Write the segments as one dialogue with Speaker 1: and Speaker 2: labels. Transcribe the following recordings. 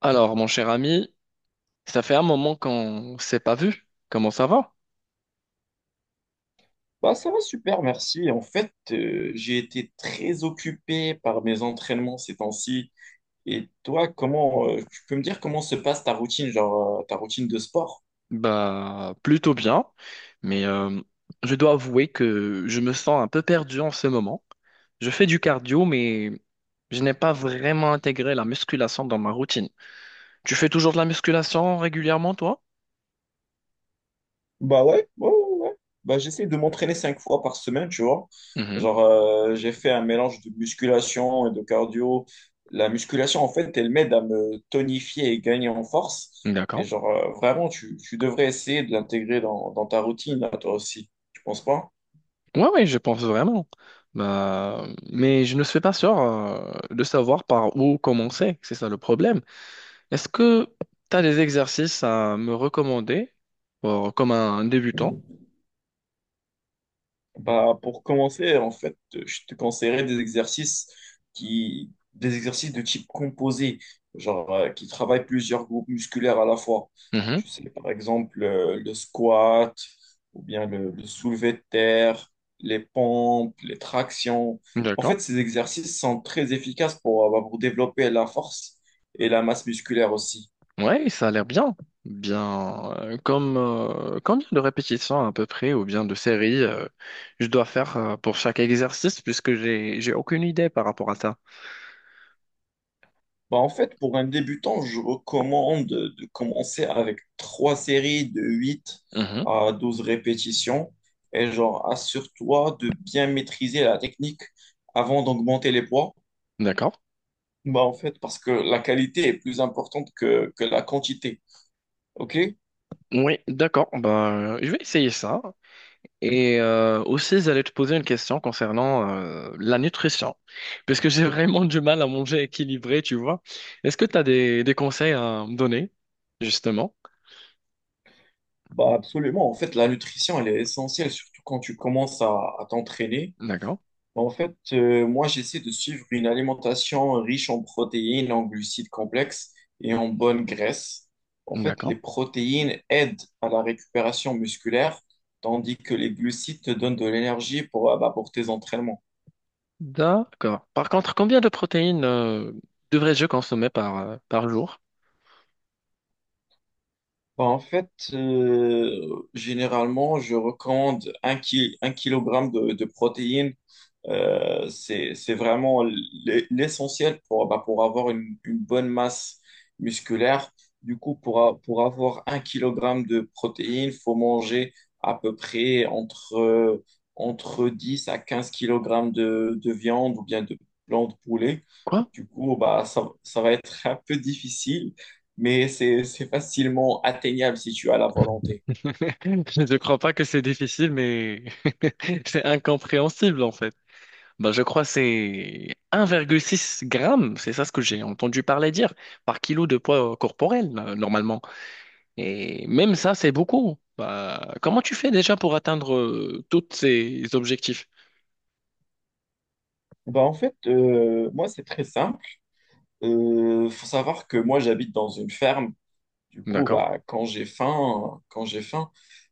Speaker 1: Alors, mon cher ami, ça fait un moment qu'on s'est pas vu. Comment ça va?
Speaker 2: Bah, ça va super, merci. En fait, j'ai été très occupé par mes entraînements ces temps-ci. Et toi, tu peux me dire comment se passe ta routine, genre, ta routine de sport?
Speaker 1: Bah, plutôt bien, mais je dois avouer que je me sens un peu perdu en ce moment. Je fais du cardio, mais je n'ai pas vraiment intégré la musculation dans ma routine. Tu fais toujours de la musculation régulièrement, toi?
Speaker 2: Bah ouais, ouais, ouais, ouais. Bah, j'essaie de m'entraîner cinq fois par semaine, tu vois.
Speaker 1: Mhm,
Speaker 2: Genre, j'ai fait un mélange de musculation et de cardio. La musculation, en fait, elle m'aide à me tonifier et gagner en force. Et
Speaker 1: d'accord.
Speaker 2: genre, vraiment, tu devrais essayer de l'intégrer dans ta routine, là, toi aussi. Tu penses pas?
Speaker 1: Ouais, oui, je pense vraiment. Bah, mais je ne suis pas sûr de savoir par où commencer. C'est ça le problème. Est-ce que tu as des exercices à me recommander pour, comme un débutant?
Speaker 2: Bah, pour commencer, en fait, je te conseillerais des exercices des exercices de type composé, genre qui travaillent plusieurs groupes musculaires à la fois.
Speaker 1: Mhm.
Speaker 2: Tu sais, par exemple, le squat, ou bien le soulevé de terre, les pompes, les tractions. En
Speaker 1: D'accord.
Speaker 2: fait, ces exercices sont très efficaces pour développer la force et la masse musculaire aussi.
Speaker 1: Ouais, ça a l'air bien. Bien, comme combien de répétitions à peu près ou bien de séries je dois faire pour chaque exercice puisque j'ai aucune idée par rapport à ça.
Speaker 2: Bah, en fait, pour un débutant, je recommande de commencer avec trois séries de huit
Speaker 1: Mhm.
Speaker 2: à douze répétitions. Et genre, assure-toi de bien maîtriser la technique avant d'augmenter les poids.
Speaker 1: D'accord.
Speaker 2: Bah, en fait, parce que la qualité est plus importante que la quantité. OK?
Speaker 1: Oui, d'accord. Bah, je vais essayer ça. Et aussi, j'allais te poser une question concernant la nutrition, parce que j'ai vraiment du mal à manger équilibré, tu vois. Est-ce que tu as des conseils à me donner, justement?
Speaker 2: Bah, absolument. En fait, la nutrition, elle est essentielle, surtout quand tu commences à t'entraîner.
Speaker 1: D'accord,
Speaker 2: En fait, moi, j'essaie de suivre une alimentation riche en protéines, en glucides complexes et en bonnes graisses. En fait,
Speaker 1: d'accord,
Speaker 2: les protéines aident à la récupération musculaire, tandis que les glucides te donnent de l'énergie pour tes entraînements.
Speaker 1: d'accord. Par contre, combien de protéines devrais-je consommer par, par jour?
Speaker 2: Bah, en fait, généralement, je recommande un kilogramme de protéines. C'est vraiment l'essentiel pour avoir une bonne masse musculaire. Du coup, pour avoir un kilogramme de protéines, il faut manger à peu près entre 10 à 15 kilogrammes de viande ou bien de blanc de poulet.
Speaker 1: Quoi?
Speaker 2: Du coup, bah, ça va être un peu difficile, mais c'est facilement atteignable si tu as la volonté.
Speaker 1: Je ne crois pas que c'est difficile, mais c'est incompréhensible, en fait. Ben, je crois que c'est 1,6 grammes, c'est ça ce que j'ai entendu parler dire, par kilo de poids corporel, normalement. Et même ça, c'est beaucoup. Ben, comment tu fais déjà pour atteindre tous ces objectifs?
Speaker 2: Bah en fait, moi, c'est très simple. Faut savoir que moi, j'habite dans une ferme. Du coup,
Speaker 1: D'accord.
Speaker 2: bah, quand j'ai faim,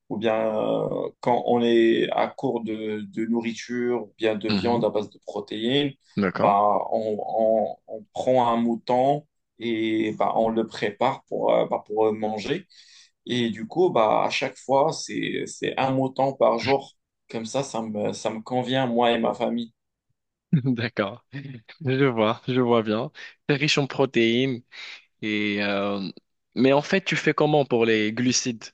Speaker 2: ou bien quand on est à court de nourriture, ou bien de
Speaker 1: Mhm.
Speaker 2: viande à base de protéines,
Speaker 1: D'accord.
Speaker 2: bah, on prend un mouton et bah, on le prépare pour manger. Et du coup, bah, à chaque fois, c'est un mouton par jour. Comme ça, ça me convient, moi et ma famille.
Speaker 1: D'accord. Je vois bien. C'est riche en protéines. Et, mais en fait, tu fais comment pour les glucides?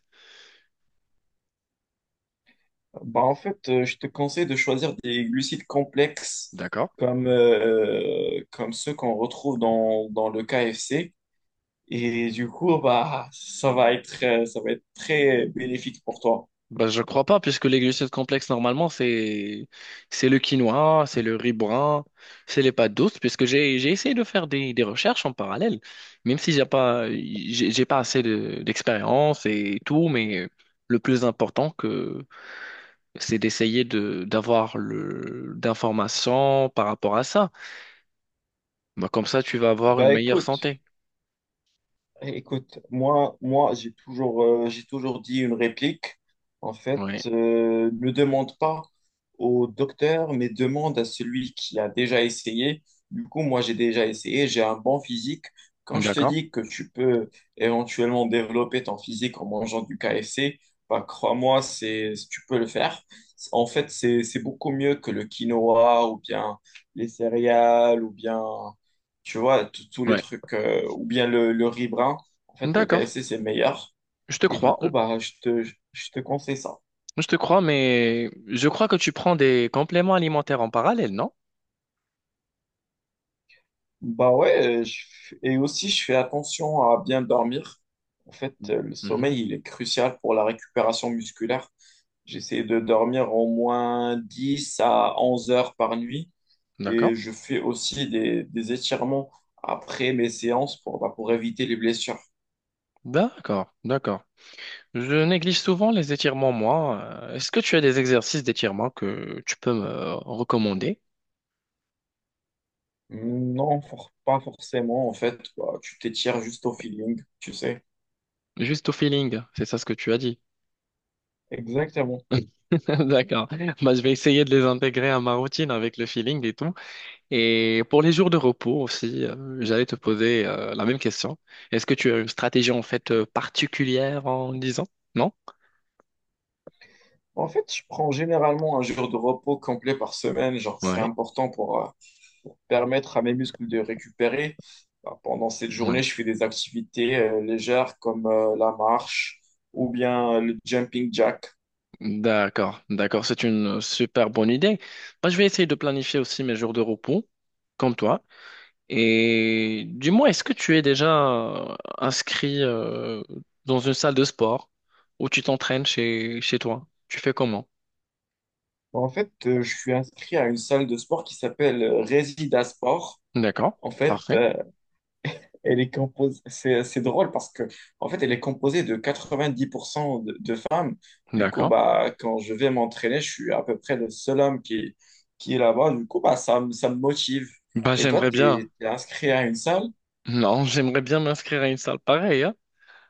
Speaker 2: Bah, en fait, je te conseille de choisir des glucides complexes
Speaker 1: D'accord.
Speaker 2: comme ceux qu'on retrouve dans le KFC. Et du coup, bah, ça va être très bénéfique pour toi.
Speaker 1: Bah, je crois pas, puisque les glucides complexes, normalement, c'est le quinoa, c'est le riz brun, c'est les pâtes douces, puisque j'ai essayé de faire des recherches en parallèle, même si j'ai pas assez de- d'expérience et tout, mais le plus important que c'est d'essayer de d'avoir le d'informations par rapport à ça. Bah, comme ça, tu vas avoir une
Speaker 2: Bah,
Speaker 1: meilleure
Speaker 2: écoute,
Speaker 1: santé.
Speaker 2: Écoute, moi, j'ai toujours dit une réplique. En fait,
Speaker 1: Ouais.
Speaker 2: ne demande pas au docteur, mais demande à celui qui a déjà essayé. Du coup, moi, j'ai déjà essayé, j'ai un bon physique. Quand je te
Speaker 1: D'accord.
Speaker 2: dis que tu peux éventuellement développer ton physique en mangeant du KFC, bah, crois-moi, tu peux le faire. En fait, c'est beaucoup mieux que le quinoa ou bien les céréales ou bien tu vois, tous les
Speaker 1: Ouais.
Speaker 2: trucs, ou bien le riz brun, en fait, le
Speaker 1: D'accord.
Speaker 2: KFC, c'est meilleur.
Speaker 1: Je te
Speaker 2: Et du
Speaker 1: crois.
Speaker 2: coup, bah, je te conseille ça.
Speaker 1: Je te crois, mais je crois que tu prends des compléments alimentaires en parallèle, non?
Speaker 2: Bah ouais, et aussi, je fais attention à bien dormir. En fait,
Speaker 1: Mhm.
Speaker 2: le
Speaker 1: Mhm.
Speaker 2: sommeil, il est crucial pour la récupération musculaire. J'essaie de dormir au moins 10 à 11 heures par nuit.
Speaker 1: D'accord,
Speaker 2: Et je fais aussi des étirements après mes séances pour éviter les blessures.
Speaker 1: d'accord, d'accord. Je néglige souvent les étirements, moi. Est-ce que tu as des exercices d'étirement que tu peux me recommander?
Speaker 2: Non, pas forcément. En fait, bah, tu t'étires juste au feeling, tu sais.
Speaker 1: Juste au feeling, c'est ça ce que tu as dit.
Speaker 2: Exactement.
Speaker 1: D'accord. Bah, je vais essayer de les intégrer à ma routine avec le feeling et tout. Et pour les jours de repos aussi, j'allais te poser la même question. Est-ce que tu as une stratégie en fait particulière en disant? Non?
Speaker 2: En fait, je prends généralement un jour de repos complet par semaine. Genre, c'est
Speaker 1: Ouais.
Speaker 2: important pour permettre à mes muscles de récupérer. Bah, pendant cette
Speaker 1: Ouais.
Speaker 2: journée, je fais des activités légères comme la marche ou bien le jumping jack.
Speaker 1: D'accord, d'accord, c'est une super bonne idée. Moi, je vais essayer de planifier aussi mes jours de repos, comme toi. Et dis-moi, est-ce que tu es déjà inscrit dans une salle de sport où tu t'entraînes chez, chez toi? Tu fais comment?
Speaker 2: Bah, en fait, je suis inscrit à une salle de sport qui s'appelle Resida Sport.
Speaker 1: D'accord,
Speaker 2: En fait,
Speaker 1: parfait,
Speaker 2: Elle est composée, c'est drôle parce que, en fait, elle est composée de 90% de femmes. Du coup,
Speaker 1: d'accord.
Speaker 2: bah, quand je vais m'entraîner, je suis à peu près le seul homme qui est là-bas. Du coup, bah, ça me motive.
Speaker 1: Bah,
Speaker 2: Et toi,
Speaker 1: j'aimerais bien,
Speaker 2: tu es inscrit à une salle?
Speaker 1: non, j'aimerais bien m'inscrire à une salle pareille, hein.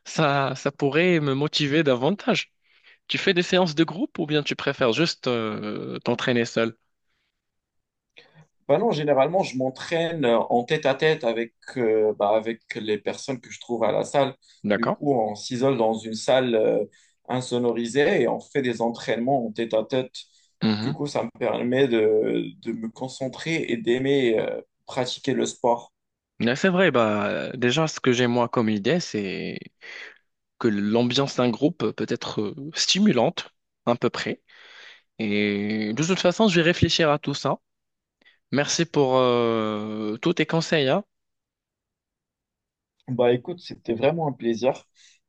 Speaker 1: Ça pourrait me motiver davantage. Tu fais des séances de groupe ou bien tu préfères juste t'entraîner seul?
Speaker 2: Bah non, généralement, je m'entraîne en tête-à-tête avec les personnes que je trouve à la salle. Du
Speaker 1: D'accord.
Speaker 2: coup, on s'isole dans une salle insonorisée et on fait des entraînements en tête-à-tête. Du coup, ça me permet de me concentrer et d'aimer pratiquer le sport.
Speaker 1: Mais c'est vrai, bah, déjà, ce que j'ai moi comme idée, c'est que l'ambiance d'un groupe peut être stimulante, à peu près. Et de toute façon, je vais réfléchir à tout ça. Merci pour tous tes conseils, hein.
Speaker 2: Bah écoute, c'était vraiment un plaisir.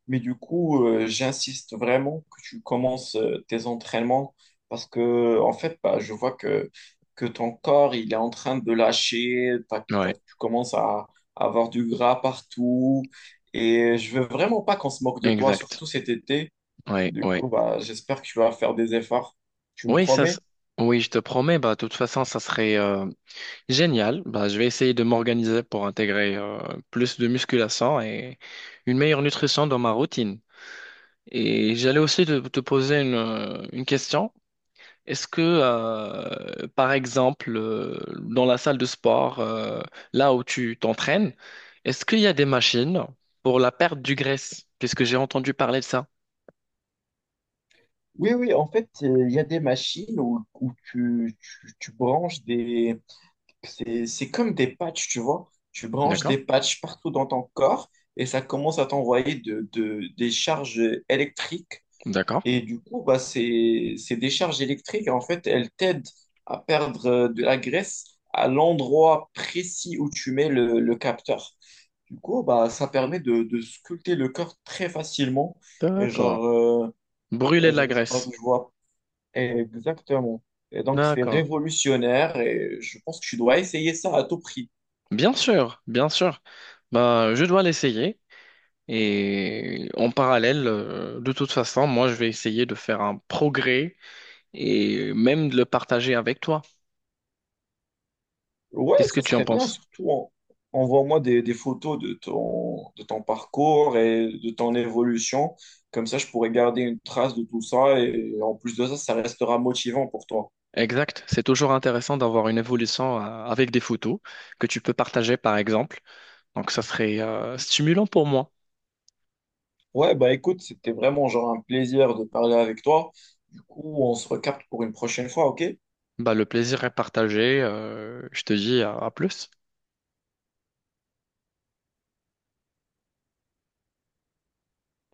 Speaker 2: Mais du coup, j'insiste vraiment que tu commences tes entraînements parce que, en fait, bah, je vois que ton corps, il est en train de lâcher. T'as- t'as-
Speaker 1: Ouais,
Speaker 2: tu commences à avoir du gras partout. Et je veux vraiment pas qu'on se moque de toi,
Speaker 1: exact.
Speaker 2: surtout cet été.
Speaker 1: Ouais,
Speaker 2: Du
Speaker 1: ouais.
Speaker 2: coup, bah, j'espère que tu vas faire des efforts. Tu me
Speaker 1: Oui, ça, s-
Speaker 2: promets?
Speaker 1: oui, je te promets, bah, de toute façon, ça serait génial. Bah, je vais essayer de m'organiser pour intégrer plus de musculation et une meilleure nutrition dans ma routine. Et j'allais aussi te, te poser une question. Est-ce que, par exemple, dans la salle de sport, là où tu t'entraînes, est-ce qu'il y a des machines pour la perte du graisse? Puisque j'ai entendu parler de ça.
Speaker 2: Oui, oui, en fait, il y a des machines où tu branches des. C'est comme des patchs, tu vois. Tu branches
Speaker 1: D'accord,
Speaker 2: des patchs partout dans ton corps et ça commence à t'envoyer des charges électriques.
Speaker 1: d'accord,
Speaker 2: Et du coup, bah, c'est des charges électriques. En fait, elles t'aident à perdre de la graisse à l'endroit précis où tu mets le capteur. Du coup, bah, ça permet de sculpter le corps très facilement. Et
Speaker 1: d'accord.
Speaker 2: genre, euh,
Speaker 1: Brûler
Speaker 2: et
Speaker 1: de la
Speaker 2: genre, je pense que
Speaker 1: graisse.
Speaker 2: je vois exactement. Et donc, c'est
Speaker 1: D'accord.
Speaker 2: révolutionnaire et je pense que tu dois essayer ça à tout prix.
Speaker 1: Bien sûr, bien sûr. Bah, je dois l'essayer. Et en parallèle, de toute façon, moi, je vais essayer de faire un progrès et même de le partager avec toi.
Speaker 2: Ouais,
Speaker 1: Qu'est-ce que
Speaker 2: ça
Speaker 1: tu en
Speaker 2: serait bien,
Speaker 1: penses?
Speaker 2: surtout envoie-moi des photos de ton parcours et de ton évolution. Comme ça, je pourrais garder une trace de tout ça et en plus de ça, ça restera motivant pour toi.
Speaker 1: Exact. C'est toujours intéressant d'avoir une évolution avec des photos que tu peux partager, par exemple. Donc, ça serait stimulant pour moi.
Speaker 2: Ouais, bah écoute, c'était vraiment genre un plaisir de parler avec toi. Du coup, on se recapte pour une prochaine fois, ok?
Speaker 1: Bah, le plaisir est partagé. Je te dis à plus.